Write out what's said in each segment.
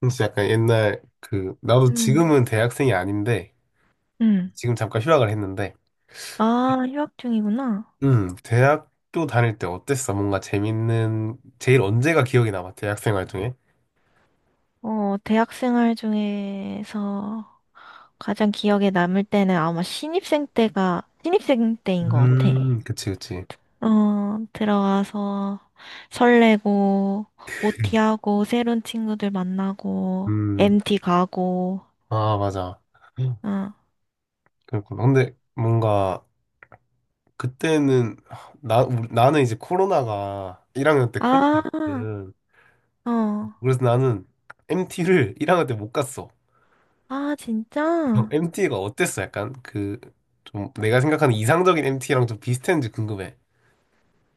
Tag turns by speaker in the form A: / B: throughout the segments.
A: 진짜 약간 옛날 그 나도
B: 음,
A: 지금은 대학생이 아닌데
B: 음.
A: 지금 잠깐 휴학을 했는데
B: 아, 휴학 중이구나.
A: 대학교 다닐 때 어땠어? 뭔가 재밌는 제일 언제가 기억이 남아? 대학생 활 중에?
B: 어, 대학 생활 중에서 가장 기억에 남을 때는 아마 신입생 때인 것 같아.
A: 그치, 그치.
B: 어, 들어가서 설레고, OT하고, 새로운 친구들 만나고,
A: 음아
B: MT 가고,
A: 맞아.
B: 어.
A: 그렇구나. 근데 뭔가 그때는 나는 이제 코로나가 1학년 때
B: 아,
A: 코로나였거든.
B: 어.
A: 그래서 나는 MT를 1학년 때 못 갔어.
B: 아, 진짜?
A: MT가 어땠어? 약간 그 좀 내가 생각하는 이상적인 MT랑 좀 비슷했는지 궁금해.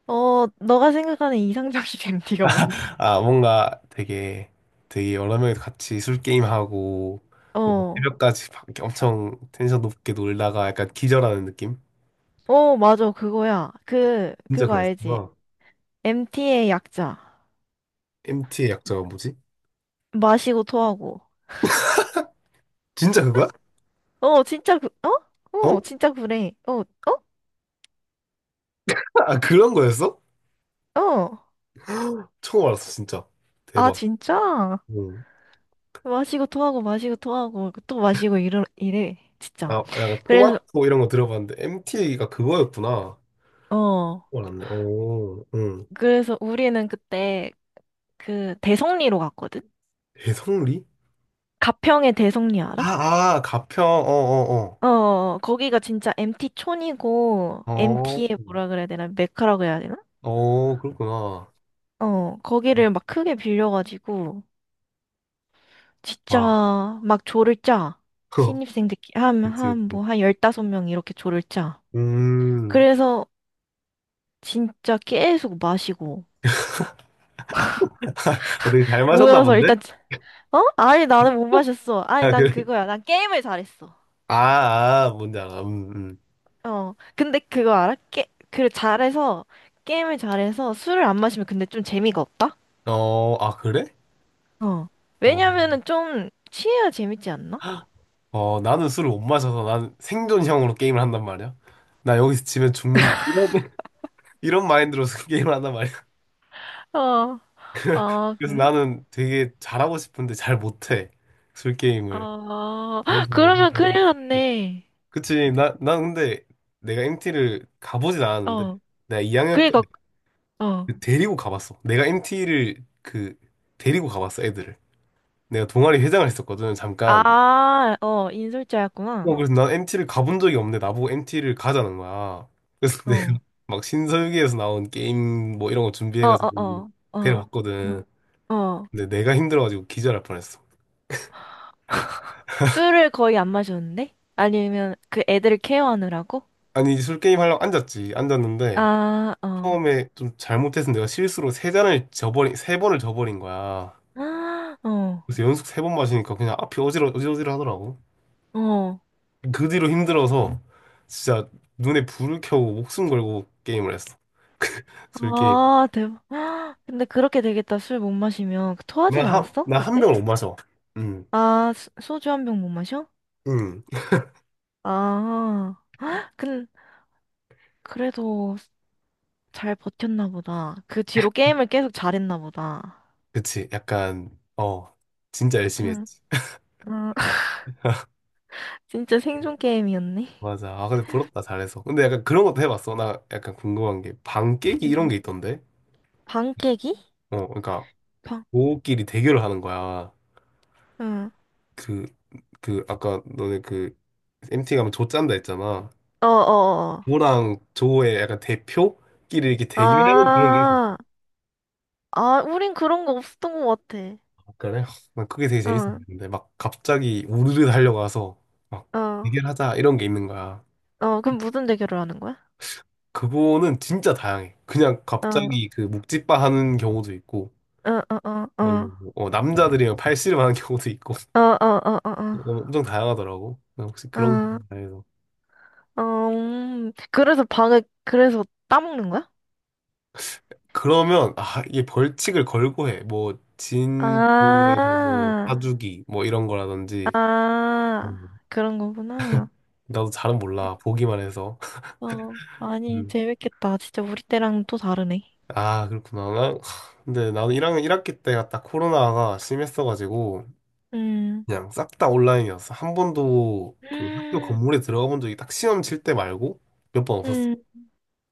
B: 어, 너가 생각하는 이상적인 MT가 뭔데?
A: 아 뭔가 되게 되게 여러 명이 같이 술 게임 하고
B: 어.
A: 새벽까지 막 엄청 텐션 높게 놀다가 약간 기절하는 느낌?
B: 어, 맞아, 그거야. 그,
A: 진짜
B: 그거
A: 그랬어.
B: 알지? MT의 약자.
A: MT의 약자가 뭐지?
B: 마시고 토하고.
A: 진짜 그거야?
B: 어, 진짜 그, 어? 어,
A: 어?
B: 진짜 그래. 어,
A: 아 그런 거였어?
B: 어? 어.
A: 처음 알았어 진짜.
B: 아,
A: 대박.
B: 진짜?
A: 응.
B: 마시고 토하고 마시고 토하고 또 마시고 이래. 진짜.
A: 아 약간
B: 그래서,
A: 토마토 이런 거 들어봤는데 MT가 그거였구나.
B: 어.
A: 알았네. 오, 응.
B: 그래서 우리는 그때 그 대성리로 갔거든?
A: 대성리?
B: 가평의 대성리 알아?
A: 아, 아, 가평, 어, 어,
B: 어, 어, 어. 거기가 진짜 MT 촌이고,
A: 어. 어,
B: MT의 뭐라 그래야 되나? 메카라고 해야 되나?
A: 어, 그렇구나.
B: 어, 거기를 막 크게 빌려가지고, 진짜
A: 와,
B: 막 조를 짜. 신입생들끼리 한,
A: 그치,
B: 한,
A: 그치.
B: 뭐, 한 15명 이렇게 조를 짜.
A: 음,
B: 그래서 진짜 계속 마시고.
A: 어, 되게 잘 마셨나
B: 모여서
A: 본데?
B: 일단, 어? 아니, 나는 못 마셨어. 아니,
A: 아,
B: 난
A: 그래?
B: 그거야. 난 게임을 잘했어.
A: 아, 아, 뭔지 알아.
B: 어. 근데 그거 알아? 게임을 잘해서 술을 안 마시면 근데 좀 재미가 없다?
A: 어, 아, 그래?
B: 어.
A: 어,
B: 왜냐면은 좀 취해야 재밌지 않나?
A: 어, 나는 술을 못 마셔서 난 생존형으로 게임을 한단 말이야. 나 여기서 지면 죽는다. 이런, 이런 마인드로 술 게임을 한단 말이야.
B: 어, 아
A: 그래서
B: 그래?
A: 나는 되게 잘하고 싶은데 잘 못해. 술 게임을.
B: 어,
A: 그래서 뭐.
B: 그러면 큰일 났네.
A: 그치. 난 근데 내가 MT를 가보진 않았는데,
B: 어,
A: 내가 2학년 때
B: 그러니까, 어.
A: 그 데리고 가봤어. 내가 MT를 그, 데리고 가봤어, 애들을. 내가 동아리 회장을 했었거든, 잠깐.
B: 아, 어,
A: 어,
B: 인솔자였구나.
A: 그래서 난 MT를 가본 적이 없는데, 나보고 MT를 가자는 거야. 그래서 내가
B: 어,
A: 막 신서유기에서 나온 게임 뭐 이런 거
B: 어, 어,
A: 준비해가지고
B: 어, 어,
A: 데려갔거든.
B: 어. 어.
A: 근데 내가 힘들어가지고 기절할 뻔했어.
B: 술을 거의 안 마셨는데? 아니면 그 애들을 케어하느라고?
A: 아니, 술 게임 하려고 앉았지. 앉았는데,
B: 아, 어.
A: 처음에 좀 잘못해서 내가 실수로 세 잔을 저버린, 세 번을 저버린 거야.
B: 아, 어,
A: 그래서 연속 세 번 마시니까 그냥 앞이 어지러지러 하더라고.
B: 어.
A: 그 뒤로 힘들어서 진짜 눈에 불을 켜고 목숨 걸고 게임을 했어. 술 게임.
B: 아, 대박. 근데 그렇게 되겠다. 술 못 마시면. 그 토하진 않았어?
A: 나한나한
B: 그때?
A: 병을 못 마셔. 응.
B: 아, 소주 한 병 못 마셔?
A: 응.
B: 아, 근 그래도 잘 버텼나 보다. 그 뒤로 게임을 계속 잘했나 보다.
A: 그치. 약간 어 진짜 열심히 했지.
B: 응. 진짜 생존 게임이었네.
A: 맞아. 아 근데 부럽다 잘해서. 근데 약간 그런 것도 해봤어. 나 약간 궁금한 게 방 깨기 이런
B: 응.
A: 게 있던데.
B: 방 깨기?
A: 어, 그러니까
B: 방.
A: 고끼리 대결을 하는 거야.
B: 응.
A: 그 그 아까 너네 그 MT 가면 조 짠다 했잖아.
B: 어어어.
A: 조랑 조의 약간 대표끼리 이렇게 대결하는 그런 게 있어요.
B: 아, 아, 우린 그런 거 없었던 것 같아.
A: 그난 그게 되게 재밌어
B: 응,
A: 보이는데 막 갑자기 우르르 달려가서 막
B: 어,
A: 대결하자 이런 게 있는 거야.
B: 어, 그럼 무슨 대결을 하는 거야?
A: 그거는 진짜 다양해. 그냥
B: 어, 어,
A: 갑자기 그 묵찌빠 하는 경우도 있고
B: 어, 어, 어,
A: 아니면 뭐, 어, 남자들이랑 팔씨름 하는 경우도 있고
B: 어, 어, 어, 어,
A: 어,
B: 어,
A: 엄청 다양하더라고. 난 혹시 그런 게
B: 어,
A: 있나요?
B: 어, 그래서 그래서 따먹는 거야?
A: 그러면 아 이게 벌칙을 걸고 해. 뭐 진도에서 뭐
B: 아,
A: 사주기 뭐 이런 거라든지
B: 아,
A: 음,
B: 그런 거구나.
A: 나도 잘은 몰라 보기만 해서.
B: 어, 아니,
A: 음.
B: 재밌겠다. 진짜 우리 때랑 또 다르네.
A: 아, 그렇구나. 난- 근데 나는 1학년 일학기 때가 딱 코로나가 심했어가지고,
B: 음.
A: 그냥 싹 다 온라인이었어. 한 번도 그 학교
B: 음,
A: 건물에 들어가 본 적이 딱 시험 칠 때 말고 몇 번 없었어.
B: 음.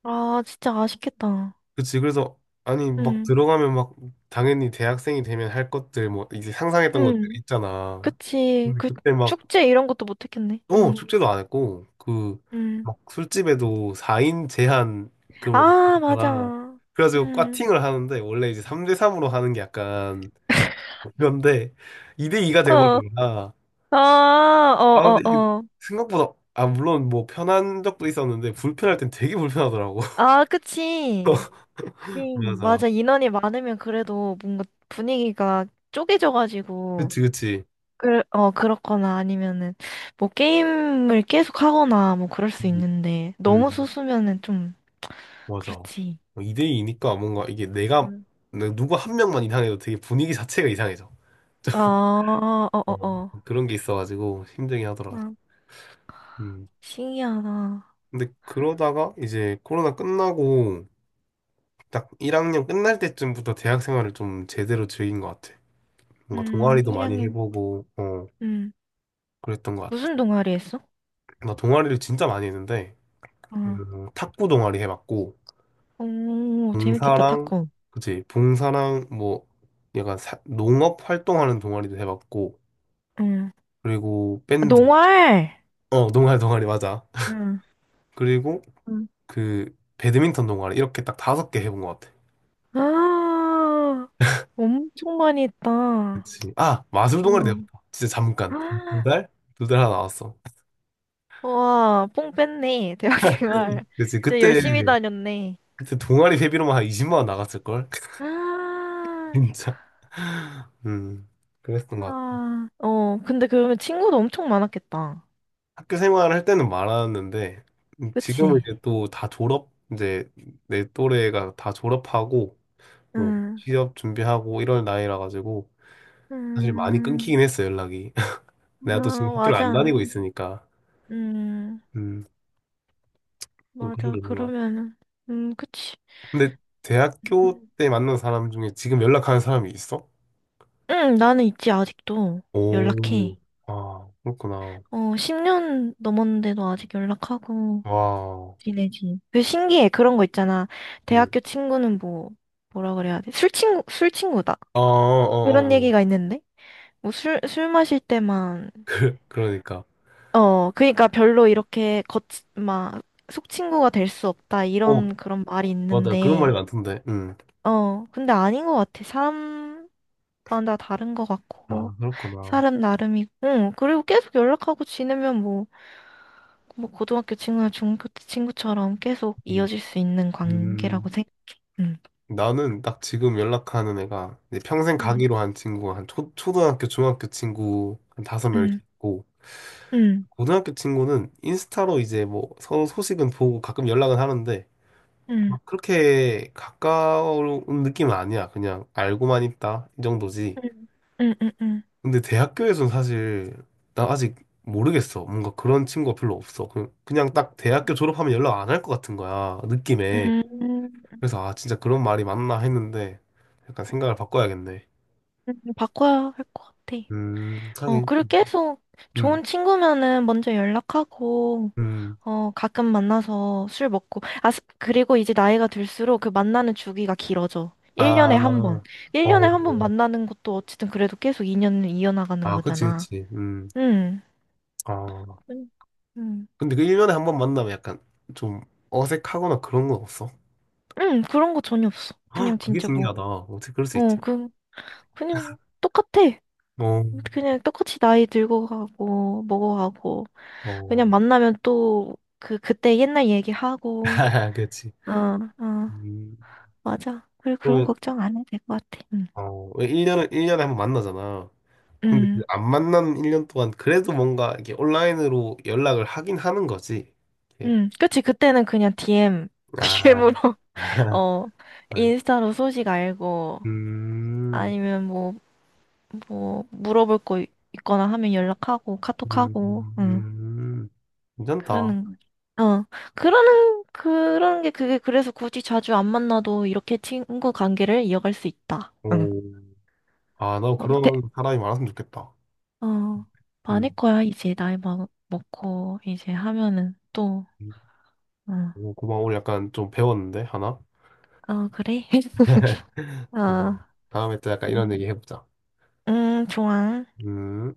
B: 아, 진짜 아쉽겠다.
A: 그치. 그래서, 아니, 막
B: 음,
A: 들어가면 막, 당연히 대학생이 되면 할 것들, 뭐, 이제 상상했던 것들
B: 음,
A: 있잖아.
B: 그치.
A: 근데
B: 그
A: 그때 막,
B: 축제 이런 것도 못 했겠네.
A: 어, 축제도 안 했고, 그,
B: 음.
A: 막 술집에도 4인 제한, 그, 뭐,
B: 아,
A: 있잖아.
B: 맞아.
A: 그래가지고
B: 음,
A: 꽈팅을 하는데, 원래 이제 3대3으로 하는 게 약간, 그런데 2대2가
B: 어,
A: 돼버리니까
B: 아,
A: 아
B: 어,
A: 근데
B: 어,
A: 이게
B: 어.
A: 생각보다 아 물론 뭐 편한 적도 있었는데 불편할 땐 되게 불편하더라고.
B: 아, 그치.
A: 맞아.
B: 맞아. 인원이 많으면 그래도 뭔가 분위기가 쪼개져가지고,
A: 그치, 그치.
B: 그렇거나 아니면은, 뭐 게임을 계속 하거나 뭐 그럴 수
A: 음,
B: 있는데, 너무
A: 음,
B: 소수면은 좀,
A: 맞아.
B: 그렇지.
A: 2대2니까 뭔가 이게 내가 누구 한 명만 이상해도 되게 분위기 자체가 이상해져. 좀
B: 아,
A: 어,
B: 어어어.
A: 그런 게 있어가지고 힘들긴 하더라.
B: 아,
A: 음.
B: 신기하다.
A: 근데 그러다가 이제 코로나 끝나고 딱 1학년 끝날 때쯤부터 대학 생활을 좀 제대로 즐긴 것 같아. 뭔가 동아리도 많이
B: 1학년,
A: 해보고 어
B: 음,
A: 그랬던 것
B: 무슨
A: 같아.
B: 동아리 했어?
A: 나 동아리를 진짜 많이 했는데
B: 어,
A: 탁구 동아리 해봤고
B: 오, 재밌겠다,
A: 봉사랑
B: 탁구.
A: 그치 봉사랑 뭐 약간 사- 농업 활동하는 동아리도 해봤고
B: 응.
A: 그리고
B: 아,
A: 밴드
B: 농활!
A: 어 농활 동아리 맞아.
B: 응,
A: 그리고
B: 응.
A: 그 배드민턴 동아리 이렇게 딱 다섯 개 해본 것 같아.
B: 아, 엄청 많이 했다.
A: 그치 아 마술 동아리도 해봤다.
B: 응.
A: 진짜 잠깐 두
B: 아,
A: 달? 두 달 하나 나왔어.
B: 와, 뽕 뺐네, 대학 생활.
A: 그치
B: 진짜
A: 그때
B: 열심히 다녔네.
A: 동아리 회비로만 한 20만 원 나갔을 걸.
B: 아,
A: 진짜. 음. 그랬던 것 같아.
B: 아, 어, 근데 그러면 친구도 엄청 많았겠다.
A: 학교 생활을 할 때는 많았는데 지금은
B: 그치?
A: 이제 또 다 졸업 이제 내 또래가 다 졸업하고 뭐
B: 응.
A: 취업 준비하고 이럴 나이라 가지고 사실 많이
B: 음.
A: 끊기긴 했어 연락이. 내가 또 지금
B: 아,
A: 학교를 안
B: 맞아.
A: 다니고 있으니까
B: 음,
A: 음 좀 그런
B: 맞아.
A: 게 있는 것 같아.
B: 그러면은, 그치.
A: 근데 대학교
B: 음,
A: 때 만난 사람 중에 지금 연락하는 사람이 있어?
B: 응, 나는 있지, 아직도.
A: 오,
B: 연락해.
A: 아, 그렇구나.
B: 어, 10년 넘었는데도 아직 연락하고
A: 와,
B: 지내지. 그 신기해. 그런 거 있잖아.
A: 음.
B: 대학교 친구는 뭐라 그래야 돼? 술 친구, 술 친구다.
A: 어, 어,
B: 그런
A: 어, 어.
B: 얘기가 있는데? 뭐 술 마실 때만,
A: 그러니까.
B: 어, 그니까 별로 이렇게 겉, 막, 속 친구가 될 수 없다.
A: 어,
B: 이런 그런 말이
A: 맞아. 그런 말이
B: 있는데,
A: 많던데. 음.
B: 어, 근데 아닌 것 같아. 사람, 마다 다른 것
A: 아,
B: 같고
A: 그렇구나.
B: 사람 나름이고 응, 그리고 계속 연락하고 지내면 뭐, 뭐 고등학교 친구나 중학교 때 친구처럼 계속
A: 음.
B: 이어질 수 있는 관계라고
A: 음,
B: 생각해. 응.
A: 나는 딱 지금 연락하는 애가 이제 평생
B: 응.
A: 가기로 한 친구가 한 초등학교, 중학교 친구 한 다섯 명 이렇게
B: 응.
A: 있고
B: 응.
A: 고등학교 친구는 인스타로 이제 뭐 서로 소식은 보고 가끔 연락은 하는데
B: 응.
A: 막 그렇게 가까운 느낌은 아니야. 그냥 알고만 있다 이 정도지.
B: 응. 응. 응. 응.
A: 근데 대학교에서는 사실 나 아직 모르겠어. 뭔가 그런 친구가 별로 없어. 그냥 딱 대학교 졸업하면 연락 안 할 것 같은 거야. 느낌에.
B: 음,
A: 그래서 아 진짜 그런 말이 맞나 했는데 약간 생각을 바꿔야겠네.
B: 바꿔야 할 것 같아. 어,
A: 하긴.
B: 그리고 계속
A: 음.
B: 좋은 친구면은 먼저 연락하고
A: 음.
B: 어, 가끔 만나서 술 먹고. 아, 그리고 이제 나이가 들수록 그 만나는 주기가 길어져. 1년에 한 번.
A: 아,
B: 1년에
A: 어,
B: 한 번 만나는 것도 어쨌든 그래도 계속 2년을 이어나가는
A: 아, 그치,
B: 거잖아.
A: 그치,
B: 응,
A: 아,
B: 응 응
A: 근데 그 1년에 한 번 만나면 약간 좀 어색하거나 그런 건 없어?
B: 응, 그런 거 전혀 없어.
A: 헉,
B: 그냥
A: 그게
B: 진짜 뭐,
A: 신기하다. 어떻게 그럴 수
B: 어,
A: 있지?
B: 그냥 똑같아.
A: 어,
B: 그냥 똑같이 나이 들고 가고, 먹어가고.
A: 어,
B: 그냥 만나면 또, 그때 옛날 얘기하고.
A: 그치.
B: 어, 어,
A: 음,
B: 맞아. 그리고 그런
A: 그러면,
B: 걱정 안 해도 될 것 같아. 응,
A: 어, 1년에 한 번 만나잖아. 근데
B: 응.
A: 그안 만난 1년 동안 그래도 뭔가 이렇게 온라인으로 연락을 하긴 하는 거지. 이렇게.
B: 그치. 그때는 그냥 DM,
A: 아,
B: DM으로, 어,
A: 아이,
B: 인스타로 소식 알고,
A: 음,
B: 아니면 뭐, 뭐, 물어볼 거 있거나 하면 연락하고,
A: 음,
B: 카톡하고, 응,
A: 음, 괜찮다.
B: 그러는 거지. 어, 그러는 게 그게 그래서 굳이 자주 안 만나도 이렇게 친구 관계를 이어갈 수 있다. 응.
A: 오, 아, 나
B: 어,
A: 그런 사람이 많았으면 좋겠다.
B: 어,
A: 음,
B: 많을 거야, 이제 나이 먹고, 이제 하면은 또,
A: 음.
B: 응.
A: 오, 고마워. 오늘 약간 좀 배웠는데, 하나?
B: 어, 그래? 어,
A: 고마워. 다음에 또 약간 이런 얘기
B: 음,
A: 해보자.
B: 좋아.
A: 음.